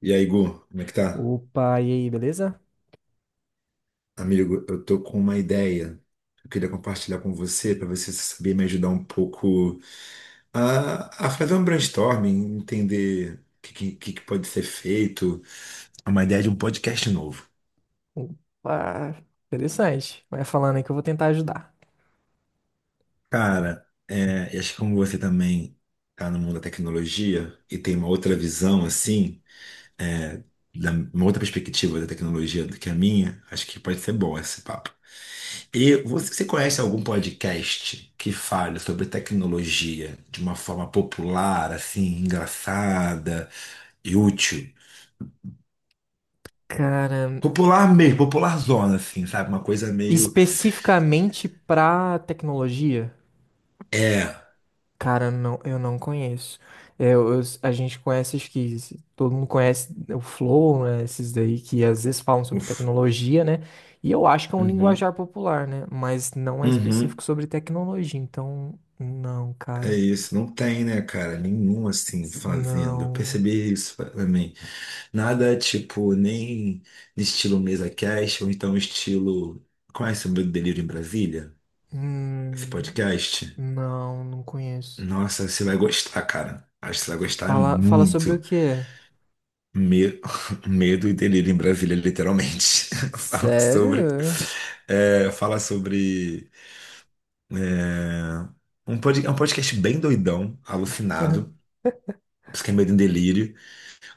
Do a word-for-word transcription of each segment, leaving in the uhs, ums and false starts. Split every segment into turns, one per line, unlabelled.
E aí, Gu, como é que tá?
Opa, e aí, beleza?
Amigo, eu tô com uma ideia que eu queria compartilhar com você, para você saber me ajudar um pouco a, a fazer um brainstorming, entender o que, que, que que pode ser feito. É uma ideia de um podcast novo.
Opa, interessante. Vai falando aí que eu vou tentar ajudar.
Cara, é, e acho que como você também tá no mundo da tecnologia e tem uma outra visão, assim, é, da- uma outra perspectiva da tecnologia do que a minha, acho que pode ser bom esse papo. E você, você conhece algum podcast que fale sobre tecnologia de uma forma popular, assim, engraçada e útil?
Cara,
Popular mesmo, popular zona, assim, sabe? Uma coisa meio.
especificamente pra tecnologia,
É.
cara, não, eu não conheço. É, eu- eu- a gente conhece, acho que se- todo mundo conhece o Flow, né? Esses daí que às vezes falam sobre
Uf,
tecnologia, né? E eu acho que é um
uhum,
linguajar popular, né? Mas não é específico
uhum,
sobre tecnologia, então, não,
é
cara.
isso. Não tem, né, cara? Nenhum assim fazendo. Eu
Não.
percebi isso pra mim. Nada tipo, nem estilo mesa cast, ou então estilo. Conhece o Meu Delírio em Brasília? Esse
Hum,
podcast?
não, não conheço.
Nossa, você vai gostar, cara. Acho que você vai gostar
Fala, fala sobre o
muito.
quê?
Me- Medo e delírio em Brasília, literalmente. Fala sobre.
Sério?
é, fala sobre. ah, Um, pod... é um podcast bem doidão, alucinado. Por isso que é Medo e Delírio.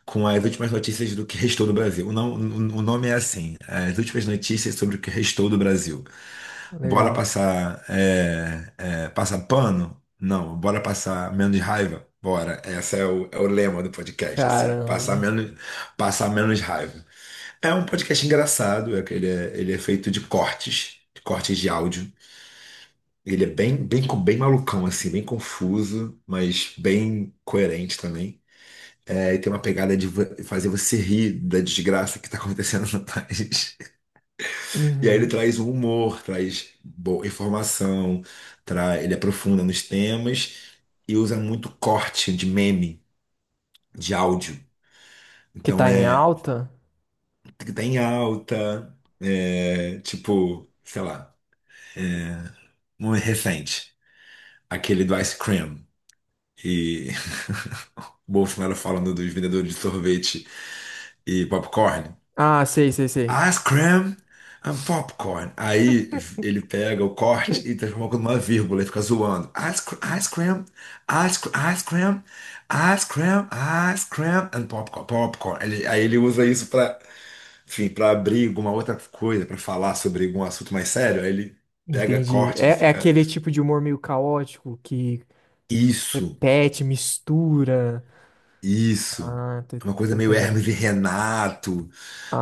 Com as últimas notícias do que restou do Brasil. O, não- o- nome é assim: as últimas notícias sobre o que restou do Brasil. Bora
Legal.
passar, é, é, passar pano? Não. Bora passar menos raiva? Bora. Esse é o, é o lema do podcast, assim. Passar
Caramba.
menos, passar menos raiva. É um podcast engraçado, é que ele é, ele é feito de cortes, de cortes de áudio. Ele é bem, bem, co- bem malucão, assim, bem confuso, mas bem coerente também. É, e tem uma pegada de vo- fazer você rir da desgraça que está acontecendo no país. E aí ele
Uhum.
traz um humor, traz boa informação, tra... ele aprofunda nos temas e usa muito corte de meme, de áudio.
Que
Então
tá em
é
alta?
o que está em alta, é, tipo, sei lá, um recente, aquele do Ice Cream. E o Bolsonaro falando dos vendedores de sorvete e popcorn.
Ah, sei, sei, sei.
Ice cream and popcorn. Aí ele pega o corte e transforma numa vírgula e fica zoando. Ice, cr- ice cream, ice, cr- ice cream, ice cream, ice cream and popcorn. Popcorn. Ele- aí ele usa isso para, enfim, para abrir alguma outra coisa, para falar sobre algum assunto mais sério. Aí ele pega
Entendi.
corte e
É, é
fica
aquele tipo de humor meio caótico que
isso,
repete, mistura.
isso.
Ah, tô,
É uma
tô
coisa meio
entendendo.
Hermes e Renato,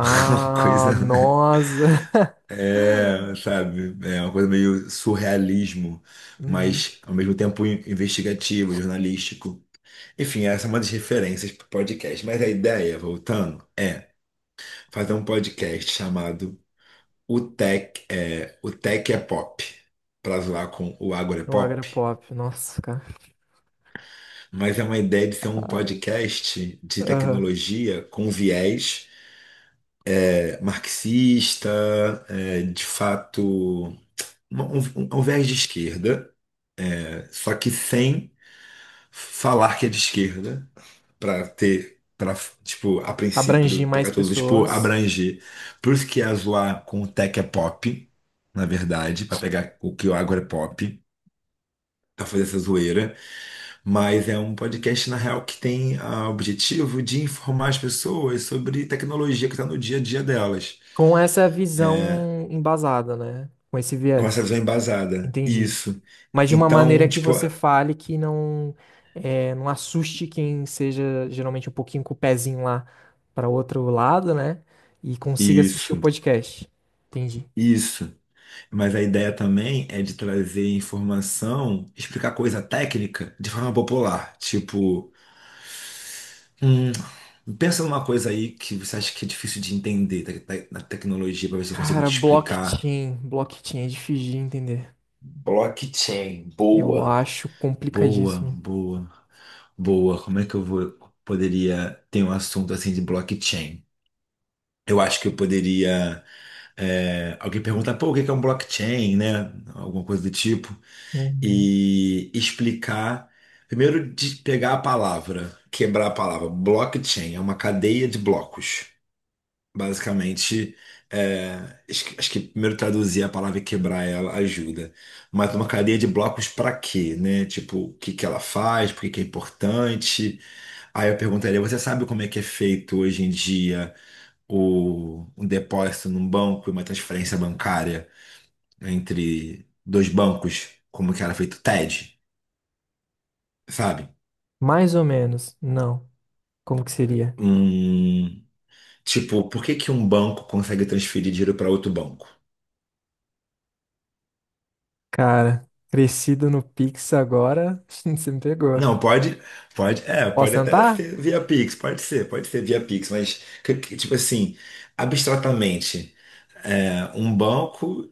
uma coisa.
nossa.
É, sabe, é uma coisa meio surrealismo,
Uhum.
mas ao mesmo tempo in- investigativo, jornalístico. Enfim, essa é uma das referências para podcast. Mas a ideia, voltando, é fazer um podcast chamado O Tech é, O Tech é Pop, para zoar com o Agora é
O
Pop.
agropop, nossa, cara.
Mas é uma ideia de ser um
Ai,
podcast de
aham.
tecnologia com viés, é, marxista, é, de fato, um, um um viés de esquerda, é, só que sem falar que é de esquerda, para ter, para, tipo, a princípio
Abrangir mais
pegar tudo, tipo,
pessoas
abranger. Por isso que ia zoar com o Tech é Pop, na verdade, para pegar o que o Agro é Pop, para fazer essa zoeira. Mas é um podcast na real que tem, ah, o objetivo de informar as pessoas sobre tecnologia que está no dia a dia delas.
com essa
É,
visão embasada, né? Com esse
com essa
viés.
visão embasada,
Entendi.
isso.
Mas de uma maneira
Então,
que
tipo,
você fale que não é, não assuste quem seja geralmente um pouquinho com o pezinho lá para outro lado, né? E consiga assistir o
isso,
podcast. Entendi.
isso. Mas a ideia também é de trazer informação, explicar coisa técnica de forma popular. Tipo, hum, pensa numa coisa aí que você acha que é difícil de entender da- da- na tecnologia, para ver se eu consigo
Cara,
te explicar.
blockchain, blockchain é difícil de entender.
Blockchain,
Eu
boa.
acho
Boa,
complicadíssimo.
boa, boa. Como é que eu vou, poderia ter um assunto assim de blockchain? Eu acho que eu poderia. É, alguém perguntar, pô, o que que é um blockchain, né? Alguma coisa do tipo.
Uhum.
E explicar. Primeiro, de pegar a palavra, quebrar a palavra. Blockchain é uma cadeia de blocos. Basicamente, é, acho que acho que primeiro traduzir a palavra e quebrar ela ajuda. Mas uma cadeia de blocos para quê, né? Tipo, o que que ela faz, por que que é importante. Aí eu perguntaria, você sabe como é que é feito hoje em dia o, um depósito num banco e uma transferência bancária entre dois bancos? Como que era feito o T E D, sabe?
Mais ou menos. Não. Como que seria?
Hum, tipo, por que que um banco consegue transferir dinheiro para outro banco?
Cara, crescido no Pix agora, você me pegou.
Não, pode, pode, é,
Posso
pode até
tentar?
ser via Pix, pode ser, pode ser via Pix, mas que- que, tipo assim, abstratamente, é, um banco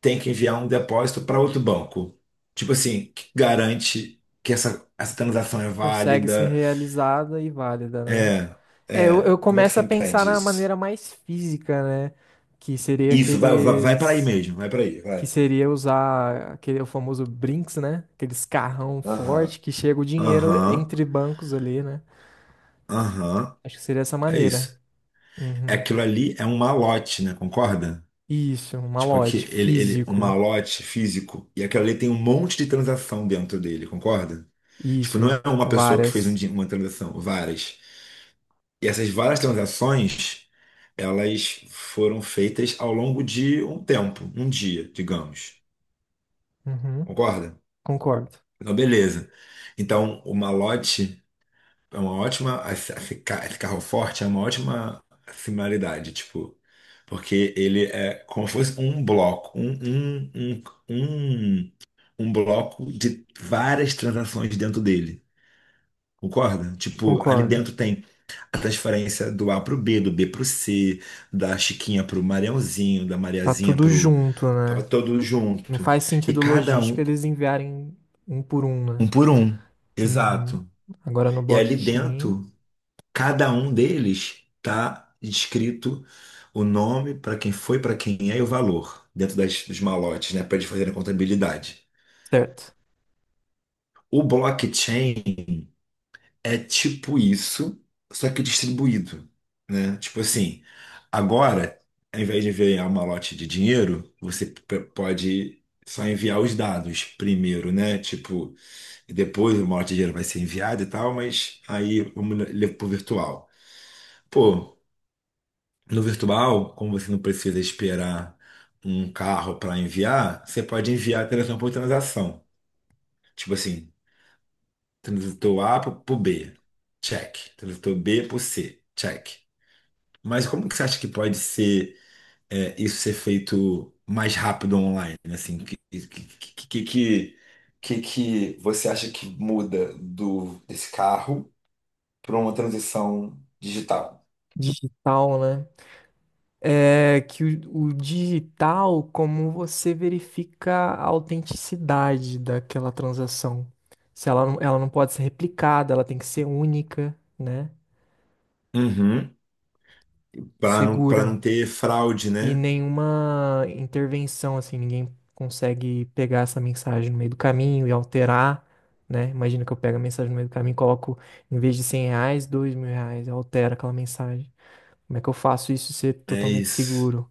tem que enviar um depósito para outro banco. Tipo assim, que garante que essa, essa transação é
Consegue ser
válida?
realizada e válida, né?
É,
É, eu,
é,
eu
como é que
começo
você
a pensar
entende
na
isso?
maneira mais física, né? Que seria
Isso, vai, vai, vai para aí
aqueles.
mesmo, vai para aí,
Que
vai.
seria usar aquele o famoso Brinks, né? Aqueles carrão
Aham,
forte que chega o dinheiro
aham,
entre bancos ali, né?
aham,
Acho que seria essa
é
maneira.
isso.
Uhum.
Aquilo ali é um malote, né? Concorda?
Isso, um
Tipo, aqui,
malote
ele, ele, um
físico.
malote físico, e aquilo ali tem um monte de transação dentro dele, concorda? Tipo, não
Isso,
é uma pessoa que fez um
várias.
di- uma transação, várias. E essas várias transações, elas foram feitas ao longo de um tempo, um dia, digamos.
Uhum.
Concorda?
Concordo,
Então, beleza. Então, o malote. É uma ótima. Esse esse ca- esse carro forte é uma ótima similaridade, tipo. Porque ele é como se fosse um bloco, um, um, um, um, um bloco de várias transações dentro dele. Concorda? Tipo, ali
concordo.
dentro tem a transferência do A pro B, do B pro C, da Chiquinha pro Mariãozinho, da
Tá
Mariazinha
tudo
pro.
junto,
Tava
né?
todo
Não
junto.
faz
E
sentido
cada
logística
um,
eles enviarem um por um,
um
né?
por um.
Uhum.
Exato.
Agora no
E ali
blockchain.
dentro. Cada um deles está escrito o nome para quem foi, para quem é e o valor dentro das, dos malotes, né, para eles fazerem a contabilidade.
Certo.
O blockchain é tipo isso, só que distribuído, né? Tipo assim, agora, ao invés de enviar um malote de dinheiro, você p- pode só enviar os dados primeiro, né? Tipo, e depois o malote de dinheiro vai ser enviado e tal, mas aí vamos levar pro virtual. Pô, no virtual, como você não precisa esperar um carro para enviar, você pode enviar transação por transação. Tipo assim, transitor A para o B, check. Transitor B para o C, check. Mas como que você acha que pode ser é, isso ser feito mais rápido online? Assim, que, que, que, que, que, que que você acha que muda do desse carro para uma transição digital?
Digital, né? É que o, o digital, como você verifica a autenticidade daquela transação. Se ela, não- ela não pode ser replicada, ela tem que ser única, né?
Uhum.
E
Para não, para não
segura.
ter fraude,
E
né?
nenhuma intervenção, assim, ninguém consegue pegar essa mensagem no meio do caminho e alterar, né? Imagina que eu pego a mensagem no meio do caminho e coloco, em vez de cem reais, dois mil reais, eu altero aquela mensagem. Como é que eu faço isso ser
É
totalmente
isso.
seguro?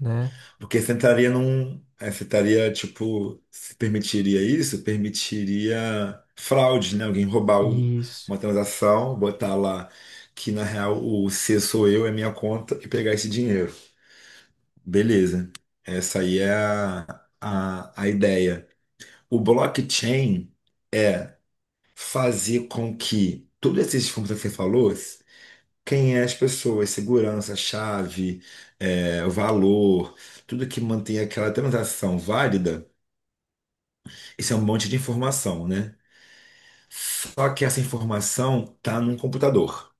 Né?
Porque você entraria num. é, Você estaria, tipo, se permitiria isso, permitiria fraude, né? Alguém roubar o-
Isso.
uma transação, botar lá que na real o C sou eu, é minha conta e pegar esse dinheiro. Beleza. Essa aí é a, a, a ideia. O blockchain é fazer com que todos esses fundos que você falou, quem é as pessoas, segurança, chave, é, valor, tudo que mantém aquela transação válida, isso é um monte de informação, né? Só que essa informação está num computador.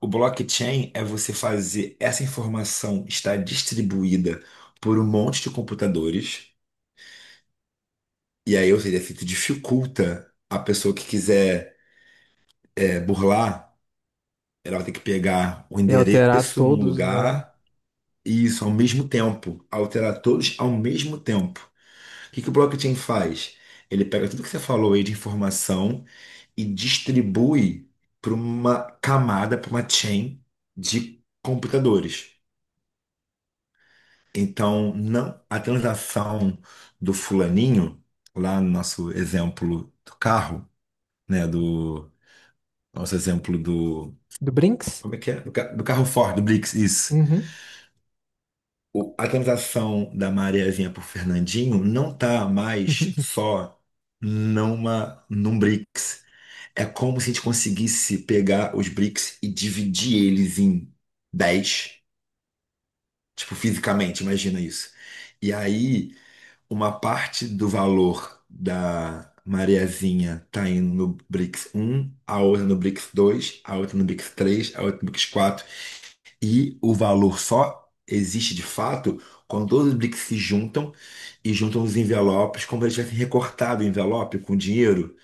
O blockchain é você fazer essa informação estar distribuída por um monte de computadores, e aí, ou seja, isso dificulta a pessoa que quiser, é, burlar, ela vai ter que pegar o
E alterar
endereço num
todos, né?
lugar. Isso, ao mesmo tempo. Alterar todos ao mesmo tempo. O que que o blockchain faz? Ele pega tudo que você falou aí de informação e distribui para uma camada, para uma chain de computadores. Então, não a transação do fulaninho, lá no nosso exemplo do carro, né? Do nosso exemplo do.
Do Brinks?
Como é que é? Do, ca- do carro Ford, do Blix, isso.
Uhum.
O- a transação da Mariazinha por Fernandinho não tá mais só numa, num BRICS. É como se a gente conseguisse pegar os BRICS e dividir eles em dez, tipo, fisicamente, imagina isso. E aí, uma parte do valor da Mariazinha tá indo no BRICS um, a outra no BRICS dois, a outra no BRICS três, a outra no BRICS quatro. E o valor só existe de fato quando todos os BRICS se juntam e juntam os envelopes, como se eles tivessem recortado o envelope com dinheiro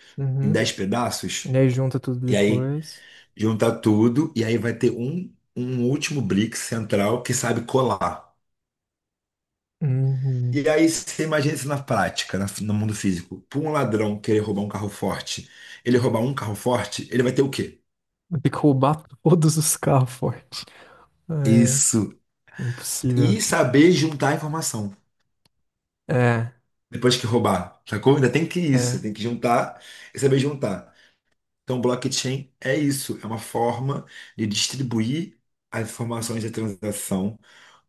em
Uhum.
dez pedaços.
E aí junta tudo
E aí
depois.
junta tudo, e aí vai ter um, um, último Blix central que sabe colar.
Uhum.
E aí você imagina isso na prática, na- no mundo físico. Para um ladrão querer roubar um carro forte, ele roubar um carro forte, ele vai ter o quê?
Tem que roubar todos os carros forte. É,
Isso.
impossível.
E saber juntar a informação.
É,
Depois que roubar, sacou? Ainda tem que isso, tem
é.
que juntar e saber juntar. Então, blockchain é isso, é uma forma de distribuir as informações da transação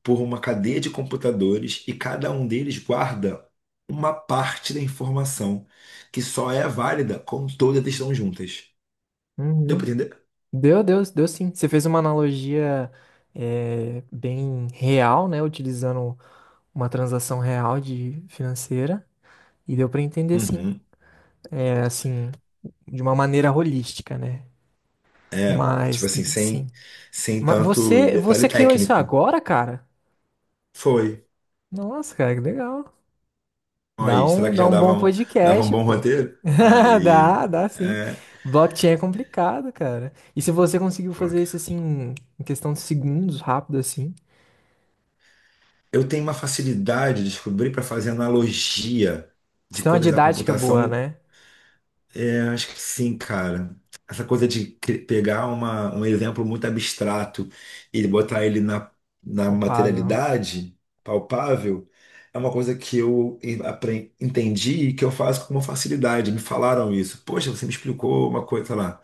por uma cadeia de computadores e cada um deles guarda uma parte da informação que só é válida quando todas estão juntas. Deu para
Uhum.
entender?
Deu, deu, deu sim. Você fez uma analogia é, bem real, né? Utilizando uma transação real de financeira. E deu pra entender sim.
Uhum.
É, assim, de uma maneira holística, né?
Tipo
Mas,
assim,
sim.
sem, sem
Mas
tanto
você,
detalhe
você criou isso
técnico.
agora, cara?
Foi.
Nossa, cara, que legal. Dá
Aí, será
um,
que
dá
já
um
dava
bom
um, dava um
podcast,
bom
pô.
roteiro? Aí,
Dá, dá sim.
é,
Blockchain é complicado, cara. E se você conseguiu fazer isso assim, em questão de segundos, rápido assim.
Eu tenho uma facilidade de descobrir para fazer analogia de
Isso é uma
coisas da
didática boa,
computação.
né?
É, acho que sim, cara. Essa coisa de cri- pegar uma, um exemplo muito abstrato e botar ele na, na
Palpável.
materialidade palpável é uma coisa que eu en- apren- entendi e que eu faço com uma facilidade. Me falaram isso. Poxa, você me explicou uma coisa, sei lá.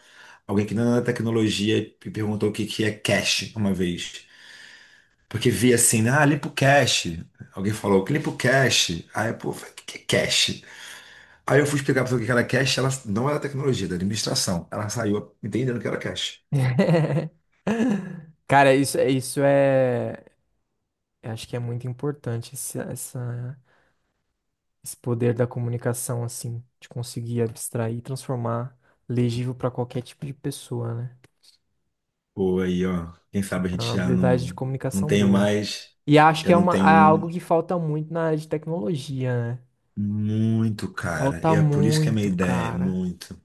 Alguém que não é da tecnologia me perguntou o que que é cache uma vez. Porque vi assim, né, ah, limpo cache. Alguém falou, limpa o cache. Aí, pô, eu falei, o que que é cache? Aí eu fui explicar pra pessoa o que era cache, ela não era tecnologia, era administração. Ela saiu entendendo o que era cache.
Cara, isso, isso é. Eu acho que é muito importante essa, essa esse poder da comunicação, assim, de conseguir abstrair e transformar legível para qualquer tipo de pessoa, né?
Pô, aí, ó, quem
Você
sabe a
tem uma
gente já
habilidade de
não, não
comunicação
tenho
boa.
mais,
E acho que
já
é
não
uma,
tenho
é algo
um.
que falta muito na área de tecnologia, né?
Muito, cara. E
Falta
é por isso que é a minha
muito,
ideia, é
cara.
muito.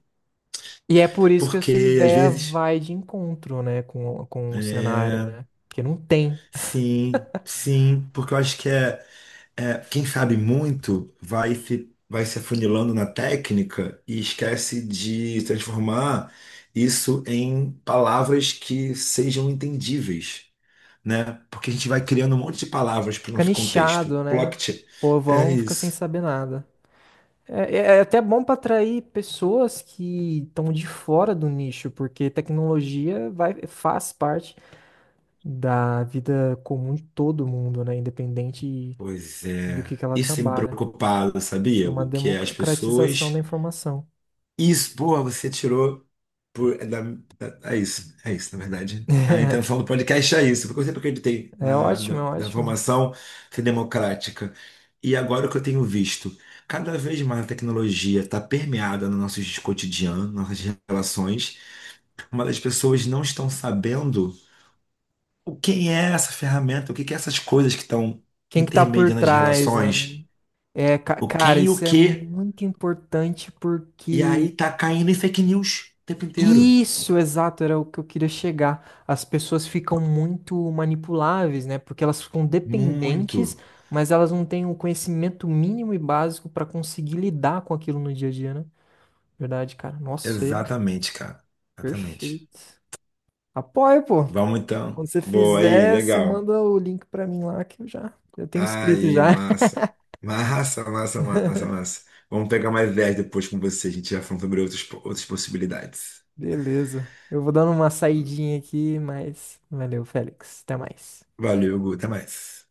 E é por isso que a sua
Porque, às
ideia
vezes,
vai de encontro, né, com, com o cenário,
é...
né? Porque não tem.
sim, sim, porque eu acho que é. É, quem sabe muito vai se, vai se afunilando na técnica e esquece de transformar isso em palavras que sejam entendíveis, né? Porque a gente vai criando um monte de palavras para o
Fica
nosso contexto.
nichado, né?
Plot
O
é
povão fica sem
isso.
saber nada. É, é- é até bom para atrair pessoas que estão de fora do nicho, porque tecnologia vai, faz parte da vida comum de todo mundo, né? Independente
Pois
do
é.
que que ela
Isso tem me
trabalha.
preocupado,
É
sabia,
uma
Hugo? Que é as
democratização da
pessoas.
informação.
Isso, boa, você tirou por, é, da, é é isso, é isso, na verdade. A intenção do podcast é isso, porque eu sempre acreditei
É
na,
ótimo,
na,
é
na
ótimo.
formação democrática. E agora o que eu tenho visto, cada vez mais a tecnologia está permeada no nosso cotidiano, nossas relações, mas as pessoas não estão sabendo o quem é essa ferramenta, o que que é essas coisas que estão
Quem que tá por
intermediando as
trás, né?
relações,
É, ca-
o
cara,
quem e o
isso é
que,
muito importante
e
porque
aí tá caindo em fake news o tempo inteiro.
isso, exato, era o que eu queria chegar. As pessoas ficam muito manipuláveis, né? Porque elas ficam dependentes,
Muito.
mas elas não têm o conhecimento mínimo e básico para conseguir lidar com aquilo no dia a dia, né? Verdade, cara. Nossa, é
Exatamente, cara. Exatamente.
perfeito. Apoio, pô.
Vamos então.
Quando você
Boa aí,
fizer, você
legal.
manda o link para mim lá que eu já eu tenho inscrito
Aí,
já.
massa. Massa, massa, massa, massa. Vamos pegar mais dez depois com você. A gente já falou sobre outras, outras possibilidades.
Beleza. Eu vou dando uma saidinha aqui, mas valeu, Félix. Até mais.
Valeu, Gu. Até mais.